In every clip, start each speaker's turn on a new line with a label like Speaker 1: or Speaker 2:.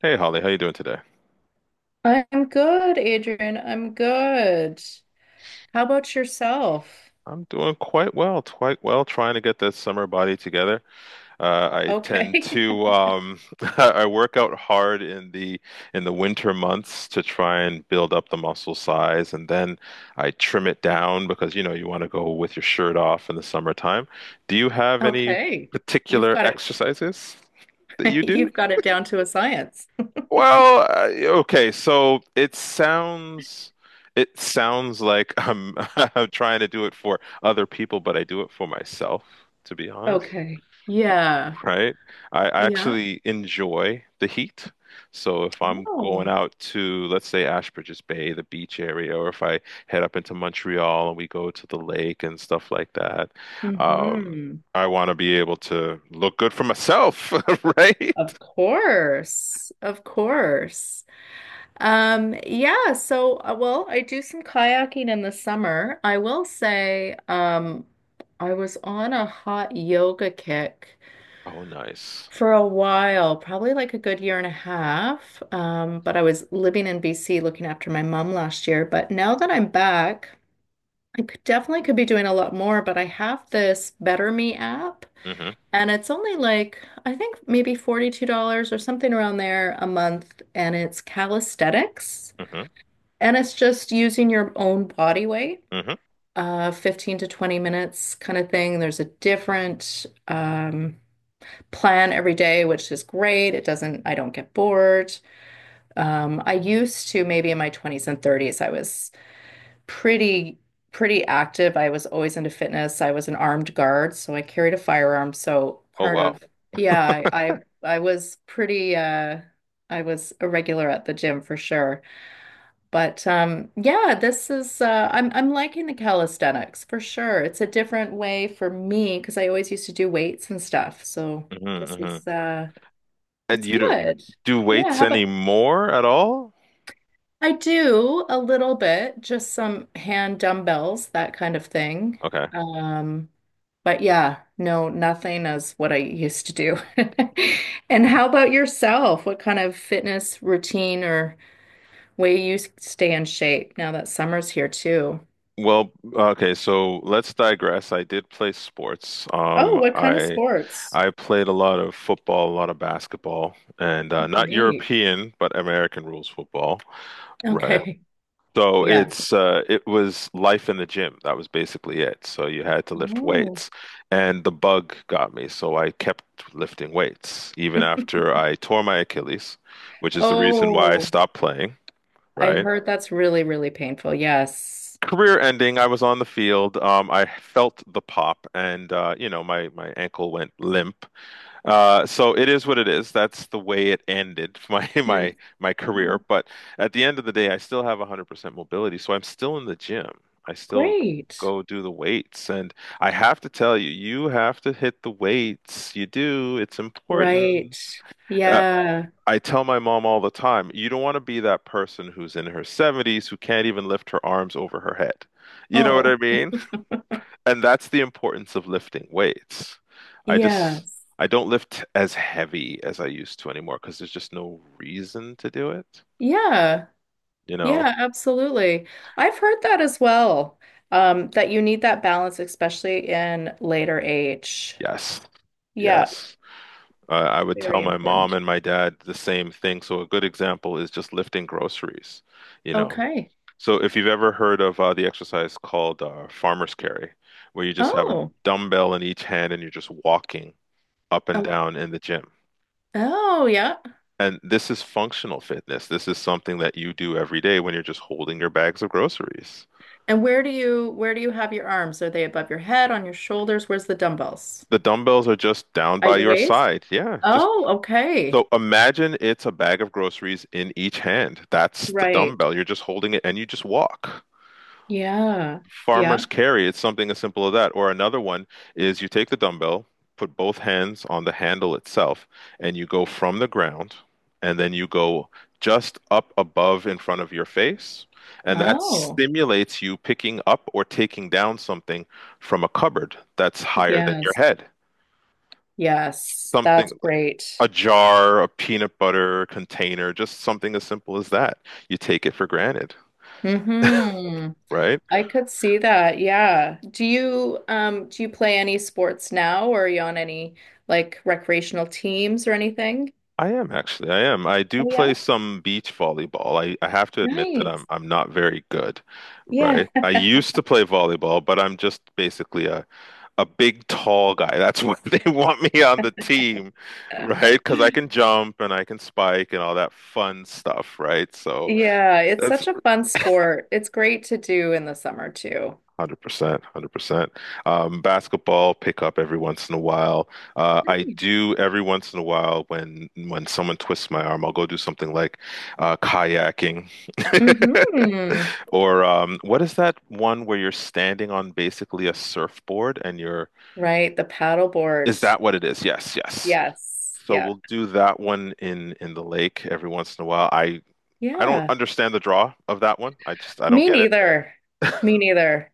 Speaker 1: Hey Holly, how you doing today?
Speaker 2: I'm good, Adrian. I'm good. How about yourself?
Speaker 1: I'm doing quite well, trying to get this summer body together. I tend
Speaker 2: Okay.
Speaker 1: to I work out hard in the winter months to try and build up the muscle size, and then I trim it down because you know you want to go with your shirt off in the summertime. Do you have any
Speaker 2: Okay. You've
Speaker 1: particular
Speaker 2: got it.
Speaker 1: exercises that you do?
Speaker 2: You've got it down to a science.
Speaker 1: Well, uh, okay, so it sounds like I'm I'm trying to do it for other people, but I do it for myself, to be honest,
Speaker 2: Okay. Yeah.
Speaker 1: right? I
Speaker 2: Yeah.
Speaker 1: actually enjoy the heat. So if I'm going
Speaker 2: Oh.
Speaker 1: out to, let's say, Ashbridges Bay, the beach area, or if I head up into Montreal and we go to the lake and stuff like that, um,
Speaker 2: Mm-hmm.
Speaker 1: I want to be able to look good for myself, right?
Speaker 2: Of course. Of course. Yeah, so well, I do some kayaking in the summer. I will say, I was on a hot yoga kick
Speaker 1: Oh, nice.
Speaker 2: for a while, probably like a good year and a half. But I was living in BC looking after my mom last year. But now that I'm back, I could definitely could be doing a lot more, but I have this Better Me app
Speaker 1: Hmm.
Speaker 2: and it's only like I think maybe $42 or something around there a month, and it's calisthenics,
Speaker 1: Hmm.
Speaker 2: and it's just using your own body weight,
Speaker 1: Hmm.
Speaker 2: 15 to 20 minutes kind of thing. There's a different plan every day, which is great. It doesn't, I don't get bored. I used to, maybe in my 20s and 30s, I was pretty, pretty active. I was always into fitness. I was an armed guard, so I carried a firearm. So
Speaker 1: Oh
Speaker 2: part
Speaker 1: wow.
Speaker 2: of, yeah, I was pretty, I was a regular at the gym for sure. But yeah, this is I'm liking the calisthenics for sure. It's a different way for me because I always used to do weights and stuff. So
Speaker 1: Hmm.
Speaker 2: this
Speaker 1: Hmm.
Speaker 2: is
Speaker 1: And
Speaker 2: it's
Speaker 1: you do
Speaker 2: good.
Speaker 1: do
Speaker 2: Yeah,
Speaker 1: weights
Speaker 2: how about
Speaker 1: anymore at all?
Speaker 2: I do a little bit, just some hand dumbbells, that kind of thing.
Speaker 1: Okay.
Speaker 2: Um, but yeah, no, nothing as what I used to do. And how about yourself? What kind of fitness routine or way you stay in shape now that summer's here too?
Speaker 1: Okay, so let's digress. I did play sports.
Speaker 2: Oh, what kind of sports?
Speaker 1: I played a lot of football, a lot of basketball, and not
Speaker 2: Great.
Speaker 1: European, but American rules football. Right.
Speaker 2: Okay.
Speaker 1: So
Speaker 2: Yeah.
Speaker 1: it was life in the gym. That was basically it. So you had to lift
Speaker 2: Oh.
Speaker 1: weights, and the bug got me. So I kept lifting weights even after I tore my Achilles, which is the reason why I
Speaker 2: Oh,
Speaker 1: stopped playing,
Speaker 2: I
Speaker 1: right?
Speaker 2: heard that's really, really painful. Yes.
Speaker 1: Career ending. I was on the field. I felt the pop, and you know my ankle went limp, so it is what it is. That's the way it ended my career.
Speaker 2: I'm-
Speaker 1: But at the end of the day, I still have 100% mobility, so I'm still in the gym. I still
Speaker 2: Great.
Speaker 1: go do the weights, and I have to tell you, you have to hit the weights. You do. It's
Speaker 2: Right.
Speaker 1: important. Uh,
Speaker 2: Yeah.
Speaker 1: I tell my mom all the time, you don't want to be that person who's in her 70s who can't even lift her arms over her head. You know what I
Speaker 2: Oh,
Speaker 1: mean? And that's the importance of lifting weights. I just
Speaker 2: yes.
Speaker 1: I don't lift as heavy as I used to anymore because there's just no reason to do it,
Speaker 2: Yeah.
Speaker 1: you know?
Speaker 2: Yeah, absolutely. I've heard that as well. That you need that balance, especially in later age.
Speaker 1: Yes.
Speaker 2: Yeah,
Speaker 1: Yes. I would tell
Speaker 2: very
Speaker 1: my mom
Speaker 2: important.
Speaker 1: and my dad the same thing. So a good example is just lifting groceries, you know.
Speaker 2: Okay.
Speaker 1: So if you've ever heard of the exercise called farmer's carry, where you just have a
Speaker 2: Oh.
Speaker 1: dumbbell in each hand and you're just walking up and
Speaker 2: Okay.
Speaker 1: down in the gym.
Speaker 2: Oh, yeah.
Speaker 1: And this is functional fitness. This is something that you do every day when you're just holding your bags of groceries.
Speaker 2: And where do you have your arms? Are they above your head, on your shoulders? Where's the dumbbells?
Speaker 1: The dumbbells are just down
Speaker 2: At
Speaker 1: by
Speaker 2: your
Speaker 1: your
Speaker 2: waist?
Speaker 1: side. Yeah, just
Speaker 2: Oh, okay.
Speaker 1: so imagine it's a bag of groceries in each hand. That's the
Speaker 2: Right.
Speaker 1: dumbbell. You're just holding it and you just walk.
Speaker 2: Yeah. Yeah.
Speaker 1: Farmer's carry, it's something as simple as that. Or another one is you take the dumbbell, put both hands on the handle itself, and you go from the ground, and then you go just up above in front of your face. And that
Speaker 2: Oh.
Speaker 1: stimulates you picking up or taking down something from a cupboard that's higher than your
Speaker 2: Yes,
Speaker 1: head.
Speaker 2: yes,
Speaker 1: Something
Speaker 2: that's
Speaker 1: like
Speaker 2: great.
Speaker 1: a jar, a peanut butter container, just something as simple as that. You take it for granted,
Speaker 2: Mm-hmm.
Speaker 1: right?
Speaker 2: I could see that. Yeah. Do you play any sports now, or are you on any like recreational teams or anything?
Speaker 1: I am actually. I am. I do
Speaker 2: Oh yeah.
Speaker 1: play some beach volleyball. I have to admit that I'm
Speaker 2: Nice.
Speaker 1: I'm not very good,
Speaker 2: Yeah.
Speaker 1: right? I used to play volleyball, but I'm just basically a big tall guy. That's why they want me on the team, right? Because I can jump and I can spike and all that fun stuff, right? So
Speaker 2: Yeah, it's
Speaker 1: that's
Speaker 2: such a fun sport. It's great to do in the summer too.
Speaker 1: 100%, 100%. Basketball pick up every once in a while. I do every once in a while when someone twists my arm, I'll go do something like kayaking
Speaker 2: Mm-hmm.
Speaker 1: or what is that one where you're standing on basically a surfboard and you're
Speaker 2: Right, the
Speaker 1: is
Speaker 2: paddleboard.
Speaker 1: that what it is? Yes, yes.
Speaker 2: Yes.
Speaker 1: So
Speaker 2: Yeah.
Speaker 1: we'll do that one in the lake every once in a while. I don't
Speaker 2: Yeah.
Speaker 1: understand the draw of that one. I don't
Speaker 2: Me
Speaker 1: get it.
Speaker 2: neither. Me neither.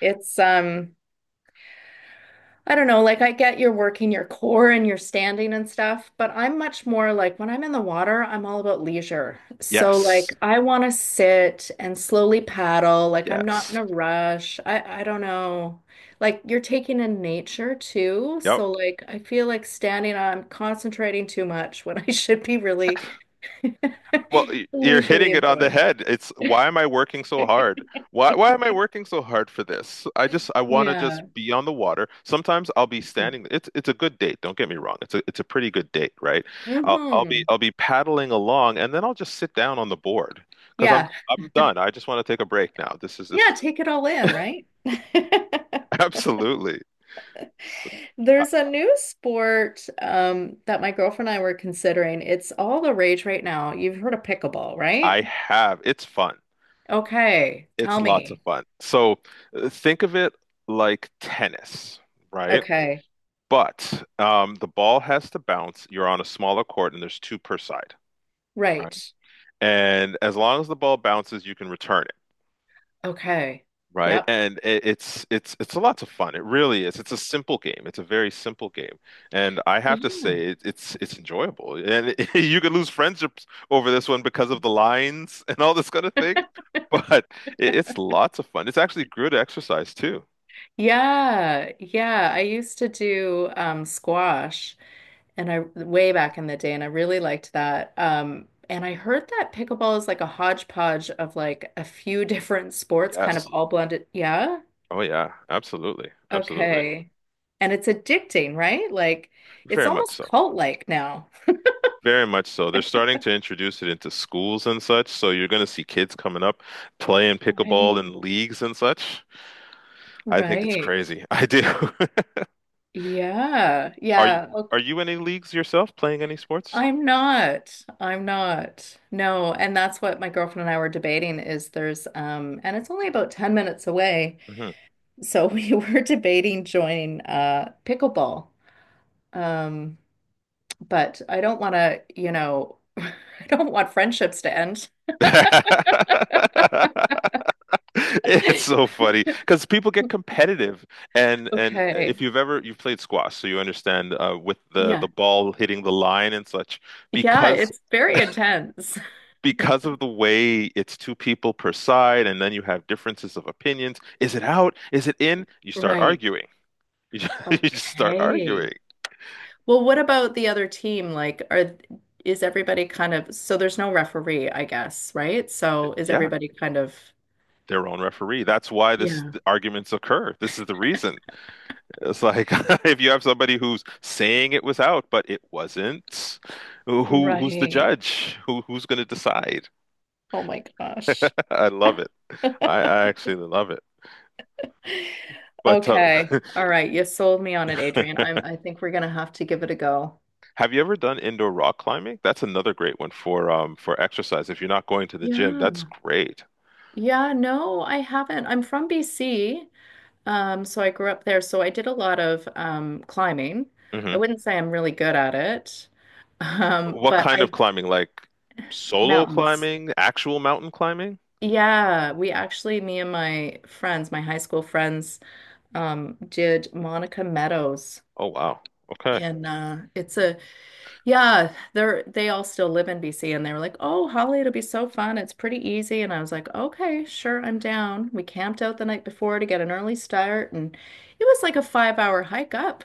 Speaker 2: It's I don't know, like I get you're working your core and you're standing and stuff, but I'm much more like when I'm in the water, I'm all about leisure. So
Speaker 1: Yes.
Speaker 2: like I want to sit and slowly paddle, like I'm not in
Speaker 1: Yes.
Speaker 2: a rush. I don't know. Like you're taking in nature too,
Speaker 1: Yep.
Speaker 2: so like I feel like standing I'm concentrating too much when I should be really
Speaker 1: Well, you're
Speaker 2: leisurely
Speaker 1: hitting it on the
Speaker 2: enjoying.
Speaker 1: head. It's why am I working so hard? Why am I working so hard for this? I want to just
Speaker 2: Yeah.
Speaker 1: be on the water. Sometimes I'll be standing. It's a good date. Don't get me wrong. It's a pretty good date, right? I'll I'll be
Speaker 2: hmm
Speaker 1: I'll be paddling along, and then I'll just sit down on the board because I'm
Speaker 2: Yeah.
Speaker 1: I'm done. I just want to take a break now. This is this
Speaker 2: Yeah,
Speaker 1: is
Speaker 2: take it all in, right?
Speaker 1: absolutely. I,
Speaker 2: There's a new sport that my girlfriend and I were considering. It's all the rage right now. You've heard of pickleball, right?
Speaker 1: I have. It's fun.
Speaker 2: Okay,
Speaker 1: It's
Speaker 2: tell
Speaker 1: lots of
Speaker 2: me.
Speaker 1: fun. So think of it like tennis, right?
Speaker 2: Okay,
Speaker 1: But the ball has to bounce. You're on a smaller court, and there's two per side. Right.
Speaker 2: right.
Speaker 1: And as long as the ball bounces, you can return it,
Speaker 2: Okay,
Speaker 1: right?
Speaker 2: yep.
Speaker 1: And it's a lot of fun. It really is. It's a simple game. It's a very simple game, and I have to
Speaker 2: Yeah.
Speaker 1: say it's enjoyable. And you could lose friendships over this one because of the lines and all this kind of thing, but it's lots of fun. It's actually good exercise too.
Speaker 2: Yeah, yeah. I used to do squash, and I way back in the day, and I really liked that. And I heard that pickleball is like a hodgepodge of like a few different sports, kind of
Speaker 1: Yes.
Speaker 2: all blended. Yeah.
Speaker 1: Oh yeah. Absolutely. Absolutely.
Speaker 2: Okay. And it's addicting, right? Like it's
Speaker 1: Very much
Speaker 2: almost
Speaker 1: so.
Speaker 2: cult-like now.
Speaker 1: Very much so. They're starting to introduce it into schools and such, so you're going to see kids coming up playing pickleball
Speaker 2: Right.
Speaker 1: in leagues and such. I think it's
Speaker 2: Right.
Speaker 1: crazy. I do.
Speaker 2: Yeah.
Speaker 1: Are you
Speaker 2: Yeah. Oh,
Speaker 1: are you in any leagues yourself, playing any sports?
Speaker 2: I'm not. I'm not. No. And that's what my girlfriend and I were debating is there's and it's only about 10 minutes away.
Speaker 1: Hmm.
Speaker 2: So we were debating joining pickleball. Um, but I don't want to, I don't want friendships to end.
Speaker 1: It's so funny because people get competitive, and if
Speaker 2: Okay.
Speaker 1: you've played squash, so you understand with the
Speaker 2: Yeah.
Speaker 1: ball hitting the line and such,
Speaker 2: Yeah,
Speaker 1: because
Speaker 2: it's very intense.
Speaker 1: because of the way it's two people per side, and then you have differences of opinions. Is it out? Is it in? You start
Speaker 2: Right.
Speaker 1: arguing. You just start
Speaker 2: Okay.
Speaker 1: arguing.
Speaker 2: Well, what about the other team? Like, are is everybody kind of so there's no referee, I guess, right? So is
Speaker 1: Yeah,
Speaker 2: everybody kind of
Speaker 1: their own referee. That's why this
Speaker 2: yeah.
Speaker 1: the arguments occur. This is the reason. It's like if you have somebody who's saying it was out, but it wasn't, who's the
Speaker 2: Right.
Speaker 1: judge? Who's going to decide?
Speaker 2: Oh my gosh.
Speaker 1: I love it. I actually love it. But
Speaker 2: Okay. All right. You sold me on it, Adrian. I think we're gonna have to give it a go.
Speaker 1: Have you ever done indoor rock climbing? That's another great one for exercise. If you're not going to the gym, that's
Speaker 2: Yeah.
Speaker 1: great.
Speaker 2: Yeah, no, I haven't. I'm from BC. So I grew up there, so I did a lot of climbing. I
Speaker 1: Hmm.
Speaker 2: wouldn't say I'm really good at it,
Speaker 1: What
Speaker 2: but
Speaker 1: kind
Speaker 2: I
Speaker 1: of climbing? Like solo
Speaker 2: mountains.
Speaker 1: climbing, actual mountain climbing?
Speaker 2: Yeah, we actually, me and my friends, my high school friends, did Monica Meadows.
Speaker 1: Oh wow. Okay.
Speaker 2: And it's a yeah, they're they all still live in BC, and they were like, "Oh, Holly, it'll be so fun. It's pretty easy." And I was like, "Okay, sure, I'm down." We camped out the night before to get an early start, and it was like a 5 hour hike up.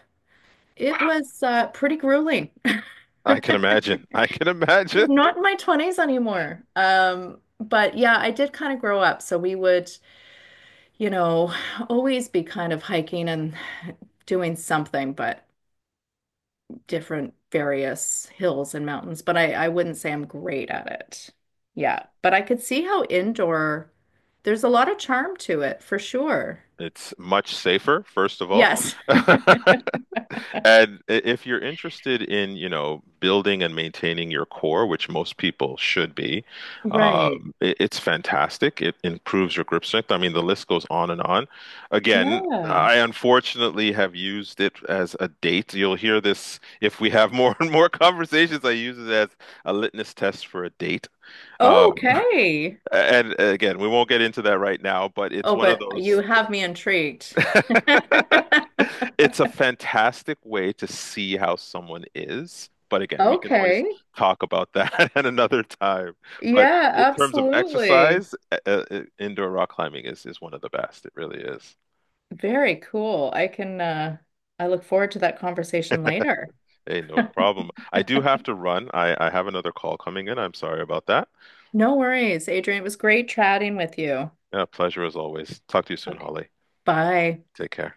Speaker 2: It was pretty grueling.
Speaker 1: I can imagine. I can imagine.
Speaker 2: Not in my 20s anymore. But yeah, I did kind of grow up. So we would, you know, always be kind of hiking and doing something, but different various hills and mountains. But I wouldn't say I'm great at it. Yeah. But I could see how indoor, there's a lot of charm to it for sure.
Speaker 1: It's much safer, first of all.
Speaker 2: Yes.
Speaker 1: And if you're interested in, you know, building and maintaining your core, which most people should be,
Speaker 2: Right.
Speaker 1: it's fantastic. It improves your grip strength. I mean, the list goes on and on. Again,
Speaker 2: Yeah.
Speaker 1: I unfortunately have used it as a date. You'll hear this if we have more and more conversations. I use it as a litmus test for a date. Uh,
Speaker 2: Okay.
Speaker 1: and again, we won't get into that right now, but it's
Speaker 2: Oh,
Speaker 1: one of
Speaker 2: but you
Speaker 1: those
Speaker 2: have me intrigued.
Speaker 1: It's a fantastic way to see how someone is. But again, we can always
Speaker 2: Okay.
Speaker 1: talk about that at another time. But
Speaker 2: Yeah,
Speaker 1: in terms of
Speaker 2: absolutely.
Speaker 1: exercise, indoor rock climbing is one of the best. It really is.
Speaker 2: Very cool. I can I look forward to that conversation later.
Speaker 1: Hey, no problem. I do have to run. I have another call coming in. I'm sorry about that.
Speaker 2: No worries, Adrian. It was great chatting with you.
Speaker 1: Yeah, pleasure as always. Talk to you soon,
Speaker 2: Okay.
Speaker 1: Holly.
Speaker 2: Bye.
Speaker 1: Take care.